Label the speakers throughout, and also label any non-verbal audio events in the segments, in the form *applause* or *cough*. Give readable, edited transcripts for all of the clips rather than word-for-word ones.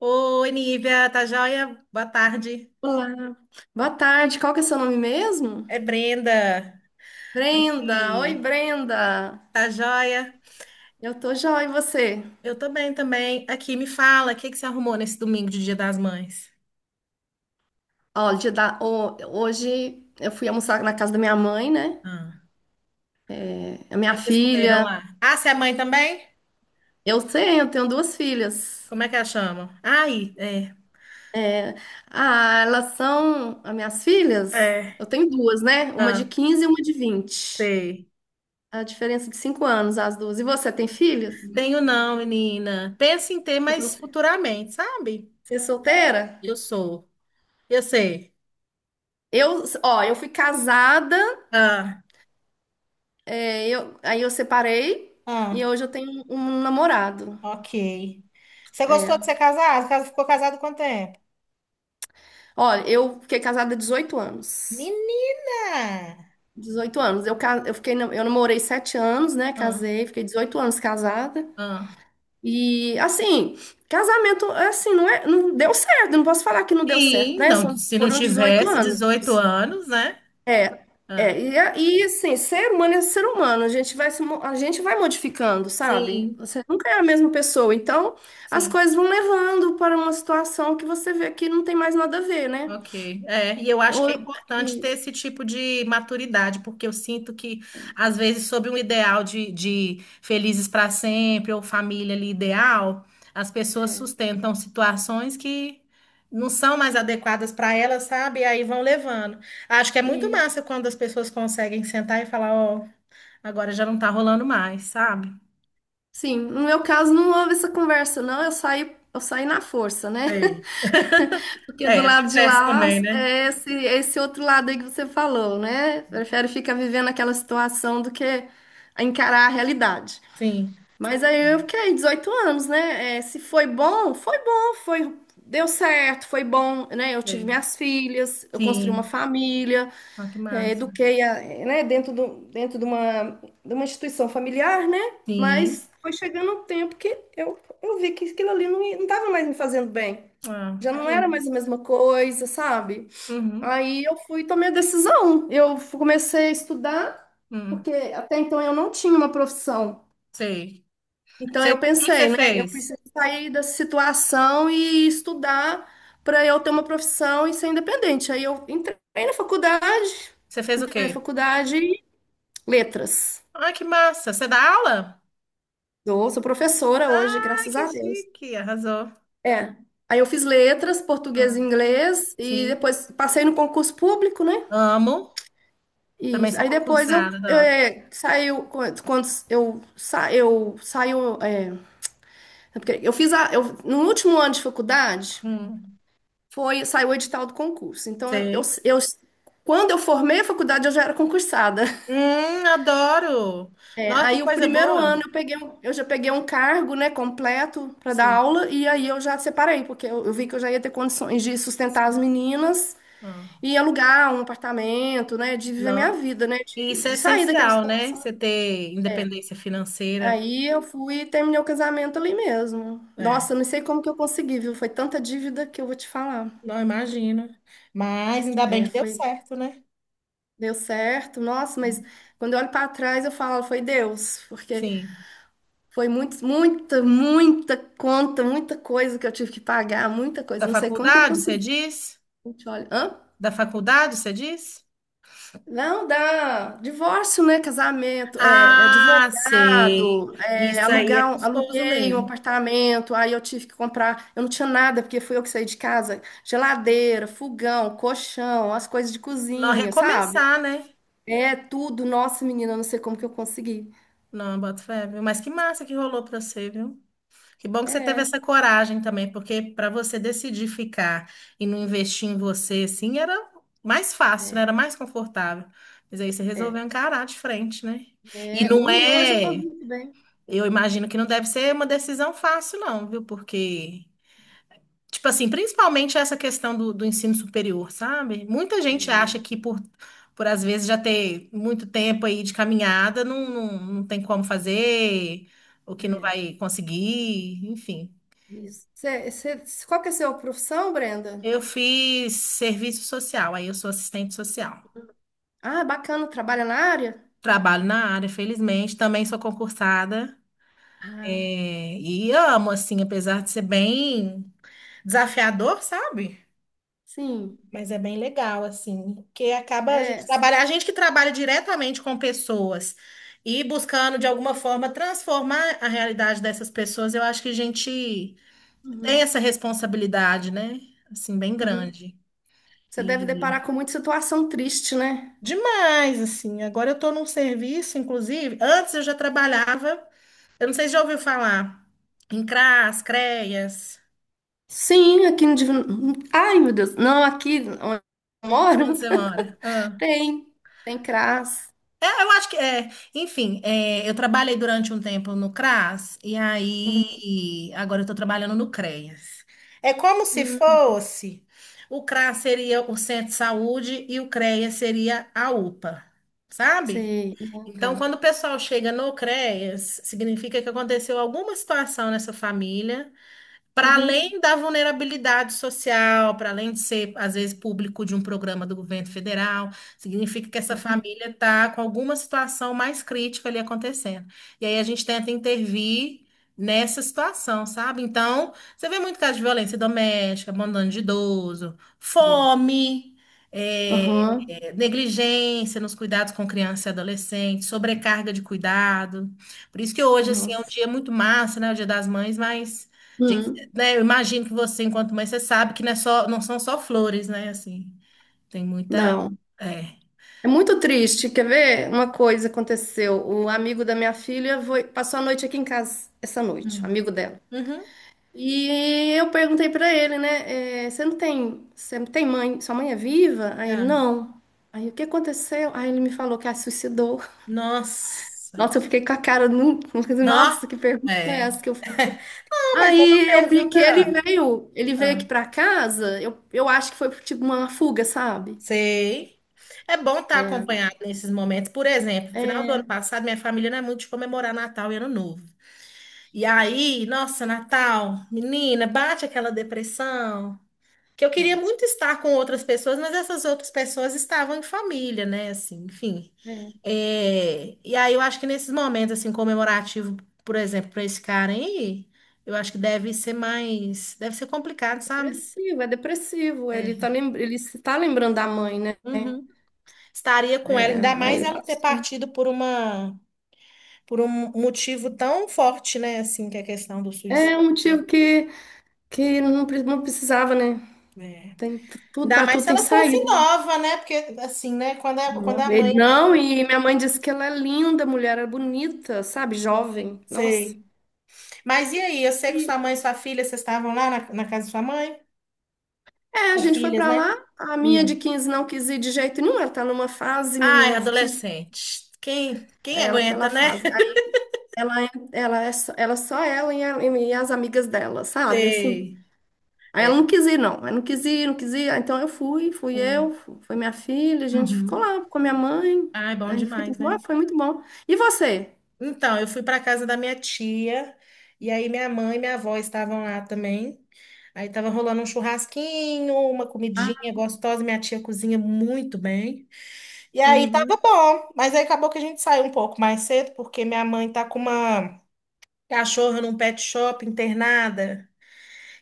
Speaker 1: Oi, Nívia, tá joia? Boa tarde.
Speaker 2: Olá, boa tarde. Qual que é seu nome mesmo?
Speaker 1: É Brenda
Speaker 2: Brenda. Oi,
Speaker 1: aqui.
Speaker 2: Brenda.
Speaker 1: Tá joia?
Speaker 2: Eu tô joia, e você?
Speaker 1: Eu tô bem também. Aqui, me fala, o que que você arrumou nesse domingo de Dia das Mães?
Speaker 2: Ó, hoje eu fui almoçar na casa da minha mãe, né?
Speaker 1: Ah,
Speaker 2: A
Speaker 1: o
Speaker 2: minha
Speaker 1: que que vocês comeram
Speaker 2: filha.
Speaker 1: lá? Ah, você é mãe também?
Speaker 2: Eu tenho duas filhas.
Speaker 1: Como é que ela chama? Ai, é.
Speaker 2: É. Ah, elas são as minhas filhas?
Speaker 1: É.
Speaker 2: Eu tenho duas, né? Uma de
Speaker 1: Ah,
Speaker 2: 15 e uma de 20.
Speaker 1: sei.
Speaker 2: A diferença de 5 anos, as duas. E você tem filhas?
Speaker 1: Tenho não, menina. Penso em ter, mas futuramente, sabe?
Speaker 2: Você é solteira?
Speaker 1: Eu sou. Eu sei.
Speaker 2: Ó, eu fui casada.
Speaker 1: Ah,
Speaker 2: Aí eu separei e
Speaker 1: ah,
Speaker 2: hoje eu tenho um namorado.
Speaker 1: ok. Você gostou
Speaker 2: É.
Speaker 1: de ser casado? Ficou casado quanto tempo?
Speaker 2: Olha, eu fiquei casada há 18 anos.
Speaker 1: Menina!
Speaker 2: 18 anos. Eu, ca- eu fiquei, na- eu namorei 7 anos, né?
Speaker 1: Ah,
Speaker 2: Casei, fiquei 18 anos casada.
Speaker 1: ah.
Speaker 2: E assim, casamento, assim, não é, não deu certo. Eu não posso falar que não deu certo,
Speaker 1: Sim,
Speaker 2: né?
Speaker 1: não,
Speaker 2: São,
Speaker 1: se não
Speaker 2: foram 18
Speaker 1: tivesse
Speaker 2: anos.
Speaker 1: 18 anos, né?
Speaker 2: É,
Speaker 1: Ah,
Speaker 2: e assim, ser humano é ser humano, a gente vai modificando, sabe?
Speaker 1: sim,
Speaker 2: Você nunca é a mesma pessoa, então as
Speaker 1: sim,
Speaker 2: coisas vão levando para uma situação que você vê que não tem mais nada a ver, né?
Speaker 1: ok. É, e eu acho que
Speaker 2: Ou,
Speaker 1: é importante ter
Speaker 2: isso,
Speaker 1: esse tipo de maturidade, porque eu sinto que, às vezes, sob um ideal de felizes para sempre ou família ali ideal, as pessoas sustentam situações que não são mais adequadas para elas, sabe? E aí vão levando. Acho que é muito
Speaker 2: isso.
Speaker 1: massa quando as pessoas conseguem sentar e falar, ó. Agora já não tá rolando mais, sabe?
Speaker 2: Sim, no meu caso não houve essa conversa, não, eu saí na força, né?
Speaker 1: Sei.
Speaker 2: *laughs* Porque do
Speaker 1: É,
Speaker 2: lado de
Speaker 1: acontece
Speaker 2: lá
Speaker 1: também, né?
Speaker 2: é esse, outro lado aí que você falou, né? Prefere ficar vivendo aquela situação do que encarar a realidade.
Speaker 1: Sim,
Speaker 2: Mas aí eu fiquei 18 anos, né? É, se foi bom, foi bom, deu certo, foi bom, né? Eu tive
Speaker 1: sei.
Speaker 2: minhas filhas, eu construí uma
Speaker 1: Sim.
Speaker 2: família,
Speaker 1: Olha que
Speaker 2: é,
Speaker 1: massa.
Speaker 2: eduquei, é, né? Dentro de uma instituição familiar, né?
Speaker 1: Sim.
Speaker 2: Mas foi chegando um tempo que eu vi que aquilo ali não estava mais me fazendo bem.
Speaker 1: Ah,
Speaker 2: Já não
Speaker 1: é
Speaker 2: era mais a
Speaker 1: isso.
Speaker 2: mesma coisa, sabe?
Speaker 1: Uhum.
Speaker 2: Aí eu fui e tomei a decisão. Comecei a estudar,
Speaker 1: Uhum.
Speaker 2: porque até então eu não tinha uma profissão.
Speaker 1: Sei.
Speaker 2: Então
Speaker 1: Você-
Speaker 2: eu
Speaker 1: o que que você
Speaker 2: pensei, né? Eu
Speaker 1: fez?
Speaker 2: preciso sair dessa situação e estudar para eu ter uma profissão e ser independente. Aí eu entrei na faculdade,
Speaker 1: Você fez o
Speaker 2: entrei na
Speaker 1: quê?
Speaker 2: faculdade e letras.
Speaker 1: Ah, que massa. Você dá aula?
Speaker 2: Sou professora hoje,
Speaker 1: Ah,
Speaker 2: graças
Speaker 1: que
Speaker 2: a Deus.
Speaker 1: chique. Arrasou.
Speaker 2: É. Aí eu fiz letras, português
Speaker 1: Ah,
Speaker 2: e inglês e
Speaker 1: sim.
Speaker 2: depois passei no concurso público, né?
Speaker 1: Amo.
Speaker 2: E
Speaker 1: Também sou
Speaker 2: aí depois
Speaker 1: concursada, adoro.
Speaker 2: saiu quando eu saiu é porque eu fiz no último ano de faculdade.
Speaker 1: Hum,
Speaker 2: Saiu o edital do concurso. Então,
Speaker 1: sei.
Speaker 2: quando eu formei a faculdade, eu já era concursada. *laughs*
Speaker 1: Adoro.
Speaker 2: É,
Speaker 1: Nossa, que
Speaker 2: aí, o
Speaker 1: coisa
Speaker 2: primeiro ano,
Speaker 1: boa.
Speaker 2: eu já peguei um cargo, né, completo para dar
Speaker 1: Sim.
Speaker 2: aula, e aí eu já separei, porque eu vi que eu já ia ter condições de sustentar as meninas
Speaker 1: Ah,
Speaker 2: e alugar um apartamento, né, de viver minha
Speaker 1: nó.
Speaker 2: vida, né,
Speaker 1: E
Speaker 2: de,
Speaker 1: isso é
Speaker 2: de sair daquela
Speaker 1: essencial, né?
Speaker 2: situação.
Speaker 1: Você ter
Speaker 2: É.
Speaker 1: independência financeira.
Speaker 2: Aí eu fui e terminei o casamento ali mesmo. Nossa,
Speaker 1: É,
Speaker 2: eu não sei como que eu consegui, viu? Foi tanta dívida que eu vou te falar.
Speaker 1: não imagino. Mas ainda bem
Speaker 2: É,
Speaker 1: que deu
Speaker 2: foi
Speaker 1: certo, né?
Speaker 2: Deu certo, nossa, mas quando eu olho para trás eu falo, foi Deus, porque
Speaker 1: Sim.
Speaker 2: foi muito, muita, muita conta, muita coisa que eu tive que pagar, muita coisa,
Speaker 1: Da
Speaker 2: não sei como que eu
Speaker 1: faculdade, você
Speaker 2: consegui.
Speaker 1: diz?
Speaker 2: A gente olha, hã?
Speaker 1: Da faculdade, você diz?
Speaker 2: Não, dá divórcio, né? Casamento, é
Speaker 1: Ah, sei.
Speaker 2: advogado, é,
Speaker 1: Isso aí é custoso
Speaker 2: aluguei um
Speaker 1: mesmo.
Speaker 2: apartamento, aí eu tive que comprar, eu não tinha nada, porque fui eu que saí de casa, geladeira, fogão, colchão, as coisas de
Speaker 1: Não
Speaker 2: cozinha, sabe?
Speaker 1: recomeçar, né?
Speaker 2: É tudo, nossa, menina, eu não sei como que eu consegui.
Speaker 1: Não, boto fé, viu? Mas que massa que rolou pra você, viu? Que bom que você teve
Speaker 2: É.
Speaker 1: essa coragem também, porque para você decidir ficar e não investir em você, assim, era mais fácil, né?
Speaker 2: É,
Speaker 1: Era mais confortável. Mas aí você
Speaker 2: é,
Speaker 1: resolveu encarar de frente, né? E
Speaker 2: é.
Speaker 1: não
Speaker 2: Ui, e hoje eu estou
Speaker 1: é,
Speaker 2: muito bem.
Speaker 1: eu imagino que não deve ser uma decisão fácil, não, viu? Porque, tipo assim, principalmente essa questão do, do ensino superior, sabe? Muita gente
Speaker 2: É,
Speaker 1: acha que por às vezes já ter muito tempo aí de caminhada, não, não, não tem como fazer, ou que não
Speaker 2: é,
Speaker 1: vai conseguir, enfim.
Speaker 2: isso. Qual que é a sua profissão, Brenda?
Speaker 1: Eu fiz serviço social, aí eu sou assistente social.
Speaker 2: Ah, bacana, trabalha na área?
Speaker 1: Trabalho na área, felizmente, também sou concursada,
Speaker 2: Ah,
Speaker 1: é, e amo, assim, apesar de ser bem desafiador, sabe?
Speaker 2: sim.
Speaker 1: Mas é bem legal, assim, porque acaba a gente
Speaker 2: É.
Speaker 1: trabalhar, a gente que trabalha diretamente com pessoas e buscando, de alguma forma, transformar a realidade dessas pessoas, eu acho que a gente tem
Speaker 2: Uhum,
Speaker 1: essa responsabilidade, né? Assim, bem
Speaker 2: uhum.
Speaker 1: grande.
Speaker 2: Você deve deparar com muita situação triste, né?
Speaker 1: Demais, assim. Agora eu estou num serviço, inclusive. Antes eu já trabalhava, eu não sei se já ouviu falar, em CRAS, CREAS.
Speaker 2: Sim, aqui no Divino. Ai, meu Deus. Não, aqui onde eu
Speaker 1: Onde
Speaker 2: moro
Speaker 1: você mora?
Speaker 2: *laughs*
Speaker 1: Ah.
Speaker 2: tem. Tem CRAS.
Speaker 1: É, eu acho que é. Enfim, é, eu trabalhei durante um tempo no CRAS e
Speaker 2: Uhum.
Speaker 1: aí agora eu estou trabalhando no CREAS. É como se
Speaker 2: Hum,
Speaker 1: fosse o CRAS seria o centro de saúde e o CREAS seria a UPA, sabe?
Speaker 2: sei. Ah,
Speaker 1: Então,
Speaker 2: tá.
Speaker 1: quando o pessoal chega no CREAS, significa que aconteceu alguma situação nessa família para
Speaker 2: Uhum.
Speaker 1: além da vulnerabilidade social, para além de ser, às vezes, público de um programa do governo federal, significa que essa família está com alguma situação mais crítica ali acontecendo. E aí a gente tenta intervir nessa situação, sabe? Então, você vê muito caso de violência doméstica, abandono de idoso,
Speaker 2: Uhum.
Speaker 1: fome. É,
Speaker 2: Uhum.
Speaker 1: é, negligência nos cuidados com criança e adolescente, sobrecarga de cuidado. Por isso que hoje, assim, é um
Speaker 2: Nossa.
Speaker 1: dia muito massa, né? O Dia das Mães, mas
Speaker 2: Uhum.
Speaker 1: né, eu imagino que você, enquanto mãe, você sabe que não é só, não são só flores, né? Assim, tem muita.
Speaker 2: Não.
Speaker 1: É.
Speaker 2: É muito triste. Quer ver? Uma coisa aconteceu. O amigo da minha filha passou a noite aqui em casa, essa noite, o
Speaker 1: Hum.
Speaker 2: amigo dela.
Speaker 1: Uhum.
Speaker 2: E eu perguntei pra ele, né? Você não tem, você não tem mãe? Sua mãe é viva? Aí ele,
Speaker 1: Ah,
Speaker 2: não. Aí o que aconteceu? Aí ele me falou que a suicidou.
Speaker 1: nossa.
Speaker 2: Nossa, eu fiquei com a cara, *laughs*
Speaker 1: Nó.
Speaker 2: nossa, que pergunta é
Speaker 1: É.
Speaker 2: essa que eu fiz?
Speaker 1: Não, mas é uma
Speaker 2: Aí eu vi que ele
Speaker 1: pergunta.
Speaker 2: veio, ele veio
Speaker 1: Ah,
Speaker 2: aqui pra casa. Eu acho que foi tipo uma fuga, sabe?
Speaker 1: sei. É bom estar
Speaker 2: É,
Speaker 1: acompanhado nesses momentos. Por exemplo, no final do ano
Speaker 2: é.
Speaker 1: passado, minha família não é muito de comemorar Natal e Ano Novo. E aí, nossa, Natal, menina, bate aquela depressão. Que eu queria muito estar com outras pessoas, mas essas outras pessoas estavam em família, né? Assim, enfim.
Speaker 2: É.
Speaker 1: É, e aí eu acho que nesses momentos assim comemorativo, por exemplo, para esse cara aí, eu acho que deve ser mais, deve ser complicado, sabe?
Speaker 2: Depressivo, é depressivo.
Speaker 1: É.
Speaker 2: Ele se tá lembrando da mãe, né?
Speaker 1: Uhum. Estaria com ela,
Speaker 2: É,
Speaker 1: ainda
Speaker 2: aí
Speaker 1: mais
Speaker 2: ele
Speaker 1: ela ter
Speaker 2: passou.
Speaker 1: partido por uma, por um motivo tão forte, né? Assim, que é a questão do suicídio.
Speaker 2: É um motivo que não precisava, né?
Speaker 1: É.
Speaker 2: Tudo
Speaker 1: Ainda
Speaker 2: para
Speaker 1: mais
Speaker 2: tudo
Speaker 1: se
Speaker 2: tem
Speaker 1: ela fosse
Speaker 2: saída.
Speaker 1: nova, né? Porque assim, né? Quando a, quando
Speaker 2: Não,
Speaker 1: é a mãe é mais,
Speaker 2: Não, e minha mãe disse que ela é linda, mulher, é bonita, sabe? Jovem. Nossa.
Speaker 1: sei. Mas e aí? Eu sei que sua
Speaker 2: E,
Speaker 1: mãe e sua filha, vocês estavam lá na, na casa de sua mãe?
Speaker 2: a
Speaker 1: Suas
Speaker 2: gente foi
Speaker 1: filhas,
Speaker 2: para
Speaker 1: né?
Speaker 2: lá. A minha de
Speaker 1: Hum.
Speaker 2: 15 não quis ir de jeito nenhum. Ela tá numa fase,
Speaker 1: Ai,
Speaker 2: menina. Você precisa.
Speaker 1: adolescente. Quem, quem
Speaker 2: É ela que
Speaker 1: aguenta,
Speaker 2: ela
Speaker 1: né?
Speaker 2: faz.
Speaker 1: *laughs*
Speaker 2: Aí ela é só ela e as amigas dela, sabe? Assim.
Speaker 1: Sei.
Speaker 2: Aí ela
Speaker 1: É.
Speaker 2: não quis ir, não. Aí não quis ir, não quis ir. Aí então eu fui,
Speaker 1: Hum.
Speaker 2: foi minha filha, a gente ficou
Speaker 1: Uhum.
Speaker 2: lá com a minha mãe.
Speaker 1: Ai, bom
Speaker 2: Aí foi, tudo
Speaker 1: demais,
Speaker 2: bom,
Speaker 1: né?
Speaker 2: foi muito bom. E você?
Speaker 1: Então, eu fui para casa da minha tia, e aí minha mãe e minha avó estavam lá também. Aí tava rolando um churrasquinho, uma
Speaker 2: Ah,
Speaker 1: comidinha gostosa, minha tia cozinha muito bem. E aí tava
Speaker 2: uhum.
Speaker 1: bom, mas aí acabou que a gente saiu um pouco mais cedo, porque minha mãe tá com uma cachorro num pet shop, internada.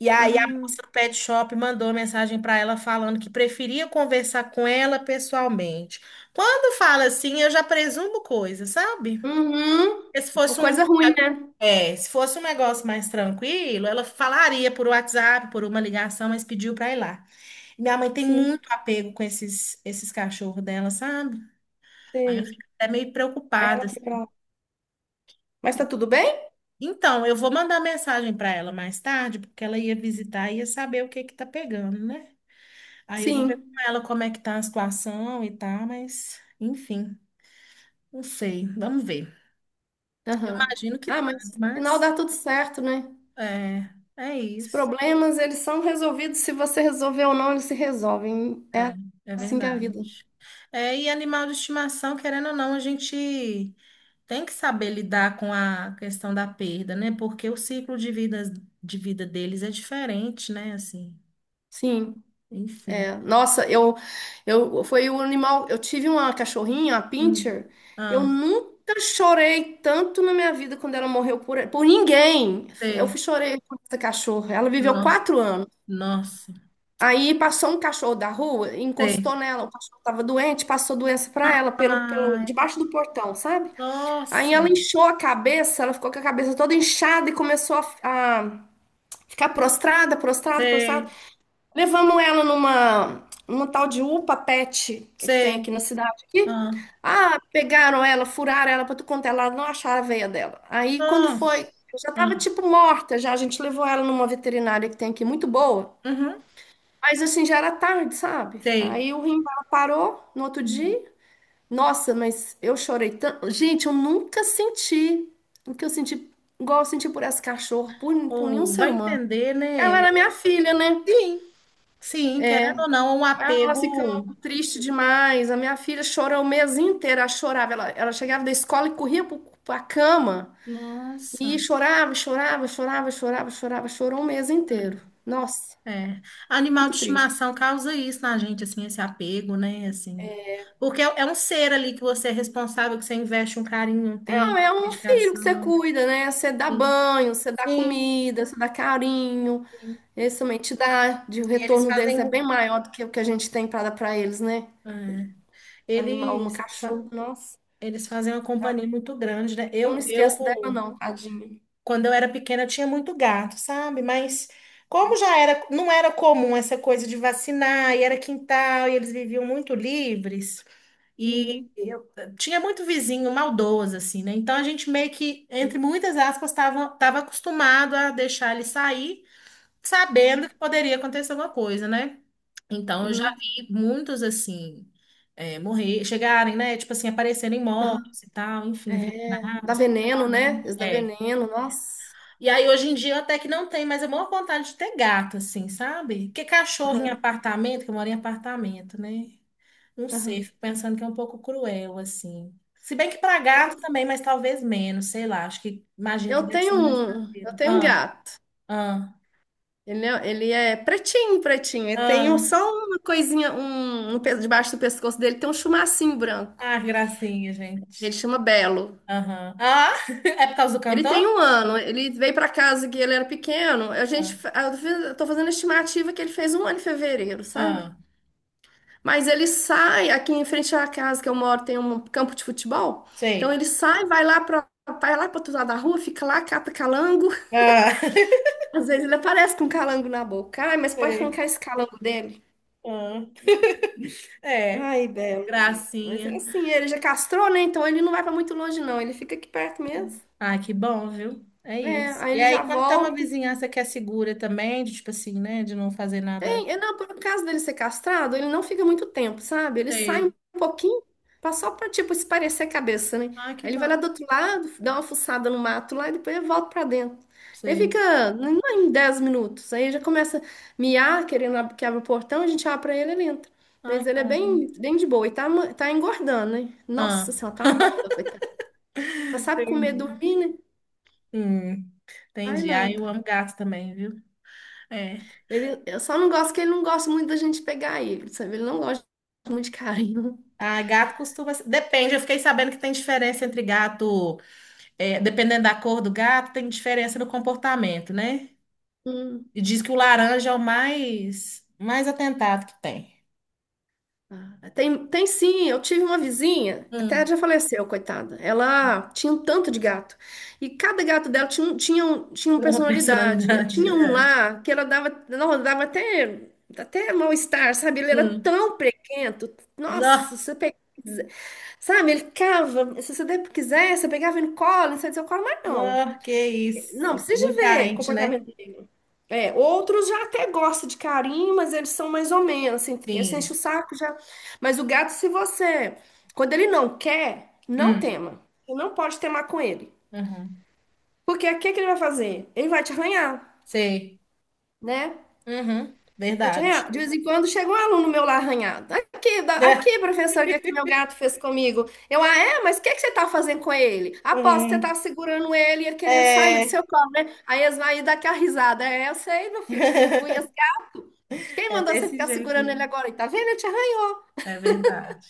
Speaker 1: E aí a
Speaker 2: Ah,
Speaker 1: moça do pet shop mandou mensagem para ela falando que preferia conversar com ela pessoalmente. Quando fala assim, eu já presumo coisa, sabe?
Speaker 2: uhum.
Speaker 1: Porque se
Speaker 2: Por
Speaker 1: fosse um,
Speaker 2: coisa ruim, né?
Speaker 1: é, se fosse um negócio mais tranquilo, ela falaria por WhatsApp, por uma ligação, mas pediu para ir lá. Minha mãe tem
Speaker 2: Sim,
Speaker 1: muito apego com esses, esses cachorros dela, sabe? Aí eu
Speaker 2: sei.
Speaker 1: fico até meio
Speaker 2: Aí ela
Speaker 1: preocupada,
Speaker 2: foi pra lá. Mas tá tudo bem?
Speaker 1: então, eu vou mandar mensagem para ela mais tarde, porque ela ia visitar e ia saber o que que tá pegando, né? Aí eu vou ver com
Speaker 2: Sim.
Speaker 1: ela como é que tá a situação e tal, mas enfim, não sei, vamos ver.
Speaker 2: Aham.
Speaker 1: Imagino que
Speaker 2: Ah,
Speaker 1: tá, né?
Speaker 2: mas no final
Speaker 1: Mas
Speaker 2: dá tudo certo, né?
Speaker 1: é, é
Speaker 2: Os
Speaker 1: isso.
Speaker 2: problemas, eles são resolvidos. Se você resolver ou não, eles se resolvem.
Speaker 1: É,
Speaker 2: É
Speaker 1: é
Speaker 2: assim que é a vida.
Speaker 1: verdade. É, e animal de estimação, querendo ou não, a gente tem que saber lidar com a questão da perda, né? Porque o ciclo de vida deles é diferente, né? Assim,
Speaker 2: Sim.
Speaker 1: enfim.
Speaker 2: Nossa, eu foi o animal. Eu tive uma cachorrinha, a
Speaker 1: Hum.
Speaker 2: pincher. Eu
Speaker 1: Ah.
Speaker 2: nunca chorei tanto na minha vida quando ela morreu por ninguém. Eu
Speaker 1: Sei.
Speaker 2: fui chorei por essa cachorra. Ela viveu
Speaker 1: No,
Speaker 2: 4 anos.
Speaker 1: nossa.
Speaker 2: Aí passou um cachorro da rua,
Speaker 1: Sei.
Speaker 2: encostou nela. O cachorro estava doente, passou doença para ela pelo
Speaker 1: Ai,
Speaker 2: debaixo do portão, sabe? Aí ela
Speaker 1: nossa.
Speaker 2: inchou a cabeça, ela ficou com a cabeça toda inchada e começou a ficar prostrada, prostrada, prostrada.
Speaker 1: Sei.
Speaker 2: Levamos ela numa tal de UPA Pet, que tem
Speaker 1: Sei.
Speaker 2: aqui na cidade aqui.
Speaker 1: Ah,
Speaker 2: Ah, pegaram ela, furaram ela para tu contar, ela não acharam a veia dela. Aí quando foi,
Speaker 1: nossa.
Speaker 2: eu já tava
Speaker 1: Ah,
Speaker 2: tipo morta, já a gente levou ela numa veterinária que tem aqui muito boa.
Speaker 1: uhum.
Speaker 2: Mas assim já era tarde, sabe?
Speaker 1: Sei.
Speaker 2: Aí o rim dela parou no outro dia. Nossa, mas eu chorei tanto. Gente, eu nunca senti o que eu senti, igual eu senti por essa cachorra, por nenhum
Speaker 1: Ou
Speaker 2: ser
Speaker 1: vai
Speaker 2: humano.
Speaker 1: entender,
Speaker 2: Ela
Speaker 1: né?
Speaker 2: era minha filha, né?
Speaker 1: Sim. Sim, querendo ou não, é um
Speaker 2: Ah, nós ficamos
Speaker 1: apego.
Speaker 2: tristes demais. A minha filha chorou o mês inteiro, ela chorava. Ela chegava da escola e corria para a cama
Speaker 1: Nossa.
Speaker 2: e chorava, chorava, chorava, chorava, chorava, chorou um mês inteiro. Nossa,
Speaker 1: É. É. Animal
Speaker 2: muito
Speaker 1: de
Speaker 2: triste.
Speaker 1: estimação causa isso na gente, assim, esse apego, né? Assim. Porque é é um ser ali que você é responsável, que você investe um carinho, um
Speaker 2: É,
Speaker 1: tempo,
Speaker 2: é um filho que você
Speaker 1: dedicação.
Speaker 2: cuida, né? Você dá
Speaker 1: Sim.
Speaker 2: banho, você dá
Speaker 1: Sim.
Speaker 2: comida, você dá carinho.
Speaker 1: Sim.
Speaker 2: Esse também te dá, o
Speaker 1: E eles
Speaker 2: retorno
Speaker 1: fazem.
Speaker 2: deles é bem maior do que o que a gente tem para dar para eles, né?
Speaker 1: É.
Speaker 2: Um animal, um
Speaker 1: Eles, fa-
Speaker 2: cachorro, nossa.
Speaker 1: eles fazem uma companhia muito grande, né?
Speaker 2: Eu não
Speaker 1: Eu
Speaker 2: esqueço dela, não, tadinha.
Speaker 1: quando eu era pequena, eu tinha muito gato, sabe? Mas como já era, não era comum essa coisa de vacinar, e era quintal, e eles viviam muito livres, e
Speaker 2: Uhum.
Speaker 1: eu tinha muito vizinho maldoso, assim, né? Então a gente meio que, entre muitas aspas, estava tava acostumado a deixar ele sair, sabendo
Speaker 2: Uhum.
Speaker 1: que poderia acontecer alguma coisa, né? Então, eu já
Speaker 2: Uhum.
Speaker 1: vi muitos, assim, é, morrer, chegarem, né? Tipo assim, aparecerem
Speaker 2: Aham.
Speaker 1: mortos e tal, enfim,
Speaker 2: É, dá
Speaker 1: veiculados,
Speaker 2: veneno, né?
Speaker 1: principalmente.
Speaker 2: Isso dá
Speaker 1: É.
Speaker 2: veneno, nossa.
Speaker 1: E aí, hoje em dia, até que não tem, mas é maior vontade de ter gato, assim, sabe? Porque cachorro em
Speaker 2: Aham,
Speaker 1: apartamento, que eu moro em apartamento, né? Não sei,
Speaker 2: aham.
Speaker 1: fico pensando que é um pouco cruel, assim. Se bem que para
Speaker 2: Eu,
Speaker 1: gato também, mas talvez menos, sei lá. Acho que, imagino que
Speaker 2: eu
Speaker 1: deve
Speaker 2: tenho
Speaker 1: ser mais
Speaker 2: um, eu
Speaker 1: tranquilo.
Speaker 2: tenho um
Speaker 1: Ah,
Speaker 2: gato.
Speaker 1: ah,
Speaker 2: Ele é pretinho, pretinho.
Speaker 1: ah.
Speaker 2: Só uma coisinha, debaixo do pescoço dele tem um chumacinho branco.
Speaker 1: Ah, que gracinha,
Speaker 2: Ele
Speaker 1: gente.
Speaker 2: chama Belo.
Speaker 1: Aham. Ah, *laughs* é por causa do
Speaker 2: Ele tem
Speaker 1: cantor?
Speaker 2: um ano. Ele veio para casa que ele era pequeno. A
Speaker 1: Ah,
Speaker 2: gente, fa- eu fiz- eu tô fazendo a estimativa que ele fez um ano em fevereiro, sabe?
Speaker 1: ah,
Speaker 2: Mas ele sai, aqui em frente à casa que eu moro tem um campo de futebol. Então
Speaker 1: sei.
Speaker 2: ele sai, vai lá para outro lado da rua, fica lá, cata calango. *laughs*
Speaker 1: Ah, *laughs*
Speaker 2: Às vezes ele aparece com um calango na boca. Ai, mas pode
Speaker 1: sei.
Speaker 2: arrancar esse calango dele.
Speaker 1: Ah, é,
Speaker 2: Ai, Belo. Mas é
Speaker 1: gracinha.
Speaker 2: assim, ele já castrou, né? Então ele não vai para muito longe, não. Ele fica aqui perto mesmo.
Speaker 1: Ah, que bom, viu? É
Speaker 2: É,
Speaker 1: isso.
Speaker 2: aí
Speaker 1: E
Speaker 2: ele já
Speaker 1: aí, quando tem uma
Speaker 2: volta.
Speaker 1: vizinhança que é segura também, de tipo assim, né? De não fazer
Speaker 2: É,
Speaker 1: nada.
Speaker 2: não, por causa dele ser castrado, ele não fica muito tempo, sabe? Ele sai um
Speaker 1: Sei.
Speaker 2: pouquinho, só pra, tipo, esparecer a cabeça, né?
Speaker 1: Ah, que
Speaker 2: Aí ele vai lá
Speaker 1: bom.
Speaker 2: do outro lado, dá uma fuçada no mato lá e depois ele volta pra dentro. Ele
Speaker 1: Sei.
Speaker 2: fica, não é em 10 minutos, aí já começa a miar, querendo que abra o portão, a gente abre pra ele, ele entra.
Speaker 1: Ah,
Speaker 2: Mas
Speaker 1: que
Speaker 2: ele é bem,
Speaker 1: maravilha.
Speaker 2: bem de boa e tá engordando, né? Nossa
Speaker 1: Ah,
Speaker 2: senhora, tá uma bola, coitado. Só sabe comer,
Speaker 1: entendi.
Speaker 2: dormir, né?
Speaker 1: Hum,
Speaker 2: Ai,
Speaker 1: entendi. Ah, eu
Speaker 2: nada.
Speaker 1: amo gato também, viu? É.
Speaker 2: Eu só não gosto que ele não gosta muito da gente pegar ele, sabe? Ele não gosta muito de carinho.
Speaker 1: Ah, gato costuma. Depende, eu fiquei sabendo que tem diferença entre gato. É, dependendo da cor do gato, tem diferença no comportamento, né?
Speaker 2: Hum.
Speaker 1: E diz que o laranja é o mais, mais atentado que tem.
Speaker 2: Ah, tem sim, eu tive uma vizinha, até
Speaker 1: Hum,
Speaker 2: já faleceu, coitada. Ela tinha um tanto de gato. E cada gato dela tinha uma
Speaker 1: Uma
Speaker 2: personalidade. Eu
Speaker 1: personalidade.
Speaker 2: tinha um
Speaker 1: É.
Speaker 2: lá que ela dava, não, dava até mal-estar, sabe? Ele era
Speaker 1: Hum.
Speaker 2: tão prequento.
Speaker 1: Não,
Speaker 2: Nossa, você pega, sabe? Ele cava, se você quiser, você pegava ele no colo, não sei se eu colo, mas não.
Speaker 1: não, que
Speaker 2: Não,
Speaker 1: isso.
Speaker 2: precisa de
Speaker 1: Muito
Speaker 2: ver
Speaker 1: carente, né?
Speaker 2: comportamento dele. É, outros já até gostam de carinho, mas eles são mais ou menos, assim, eles enchem o
Speaker 1: Sim.
Speaker 2: saco já. Mas o gato, se você, quando ele não quer, não
Speaker 1: Hum,
Speaker 2: tema. Você não pode temar com ele.
Speaker 1: uhum.
Speaker 2: Porque o que é que ele vai fazer? Ele vai te arranhar,
Speaker 1: Sei.
Speaker 2: né?
Speaker 1: Uhum,
Speaker 2: Pode
Speaker 1: verdade.
Speaker 2: arranhar. De vez em quando chega um aluno meu lá arranhado.
Speaker 1: *laughs*
Speaker 2: Aqui, da-
Speaker 1: É,
Speaker 2: aqui, professor, o que é que meu gato fez comigo? Ah, é? Mas o que é que você tá fazendo com ele? Aposto que você
Speaker 1: hum,
Speaker 2: tá segurando ele e ele querendo sair do seu
Speaker 1: é,
Speaker 2: colo, né? Aí eles vão aí dar aquela risada. É, eu sei, meu filho, eu conheço. Quem
Speaker 1: é
Speaker 2: mandou você
Speaker 1: desse
Speaker 2: ficar
Speaker 1: jeito
Speaker 2: segurando
Speaker 1: aí.
Speaker 2: ele agora? E tá vendo? Eu te arranhei.
Speaker 1: É verdade.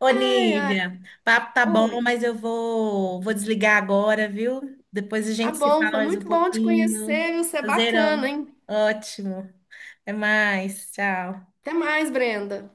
Speaker 1: Ô,
Speaker 2: Ai, ai,
Speaker 1: Nívia, papo tá bom,
Speaker 2: oi.
Speaker 1: mas eu vou desligar agora, viu? Depois a
Speaker 2: Tá
Speaker 1: gente se
Speaker 2: bom,
Speaker 1: fala
Speaker 2: foi
Speaker 1: mais um
Speaker 2: muito bom te
Speaker 1: pouquinho.
Speaker 2: conhecer, viu? Você é bacana,
Speaker 1: Prazerão.
Speaker 2: hein?
Speaker 1: Ótimo. Até mais, tchau.
Speaker 2: Até mais, Brenda.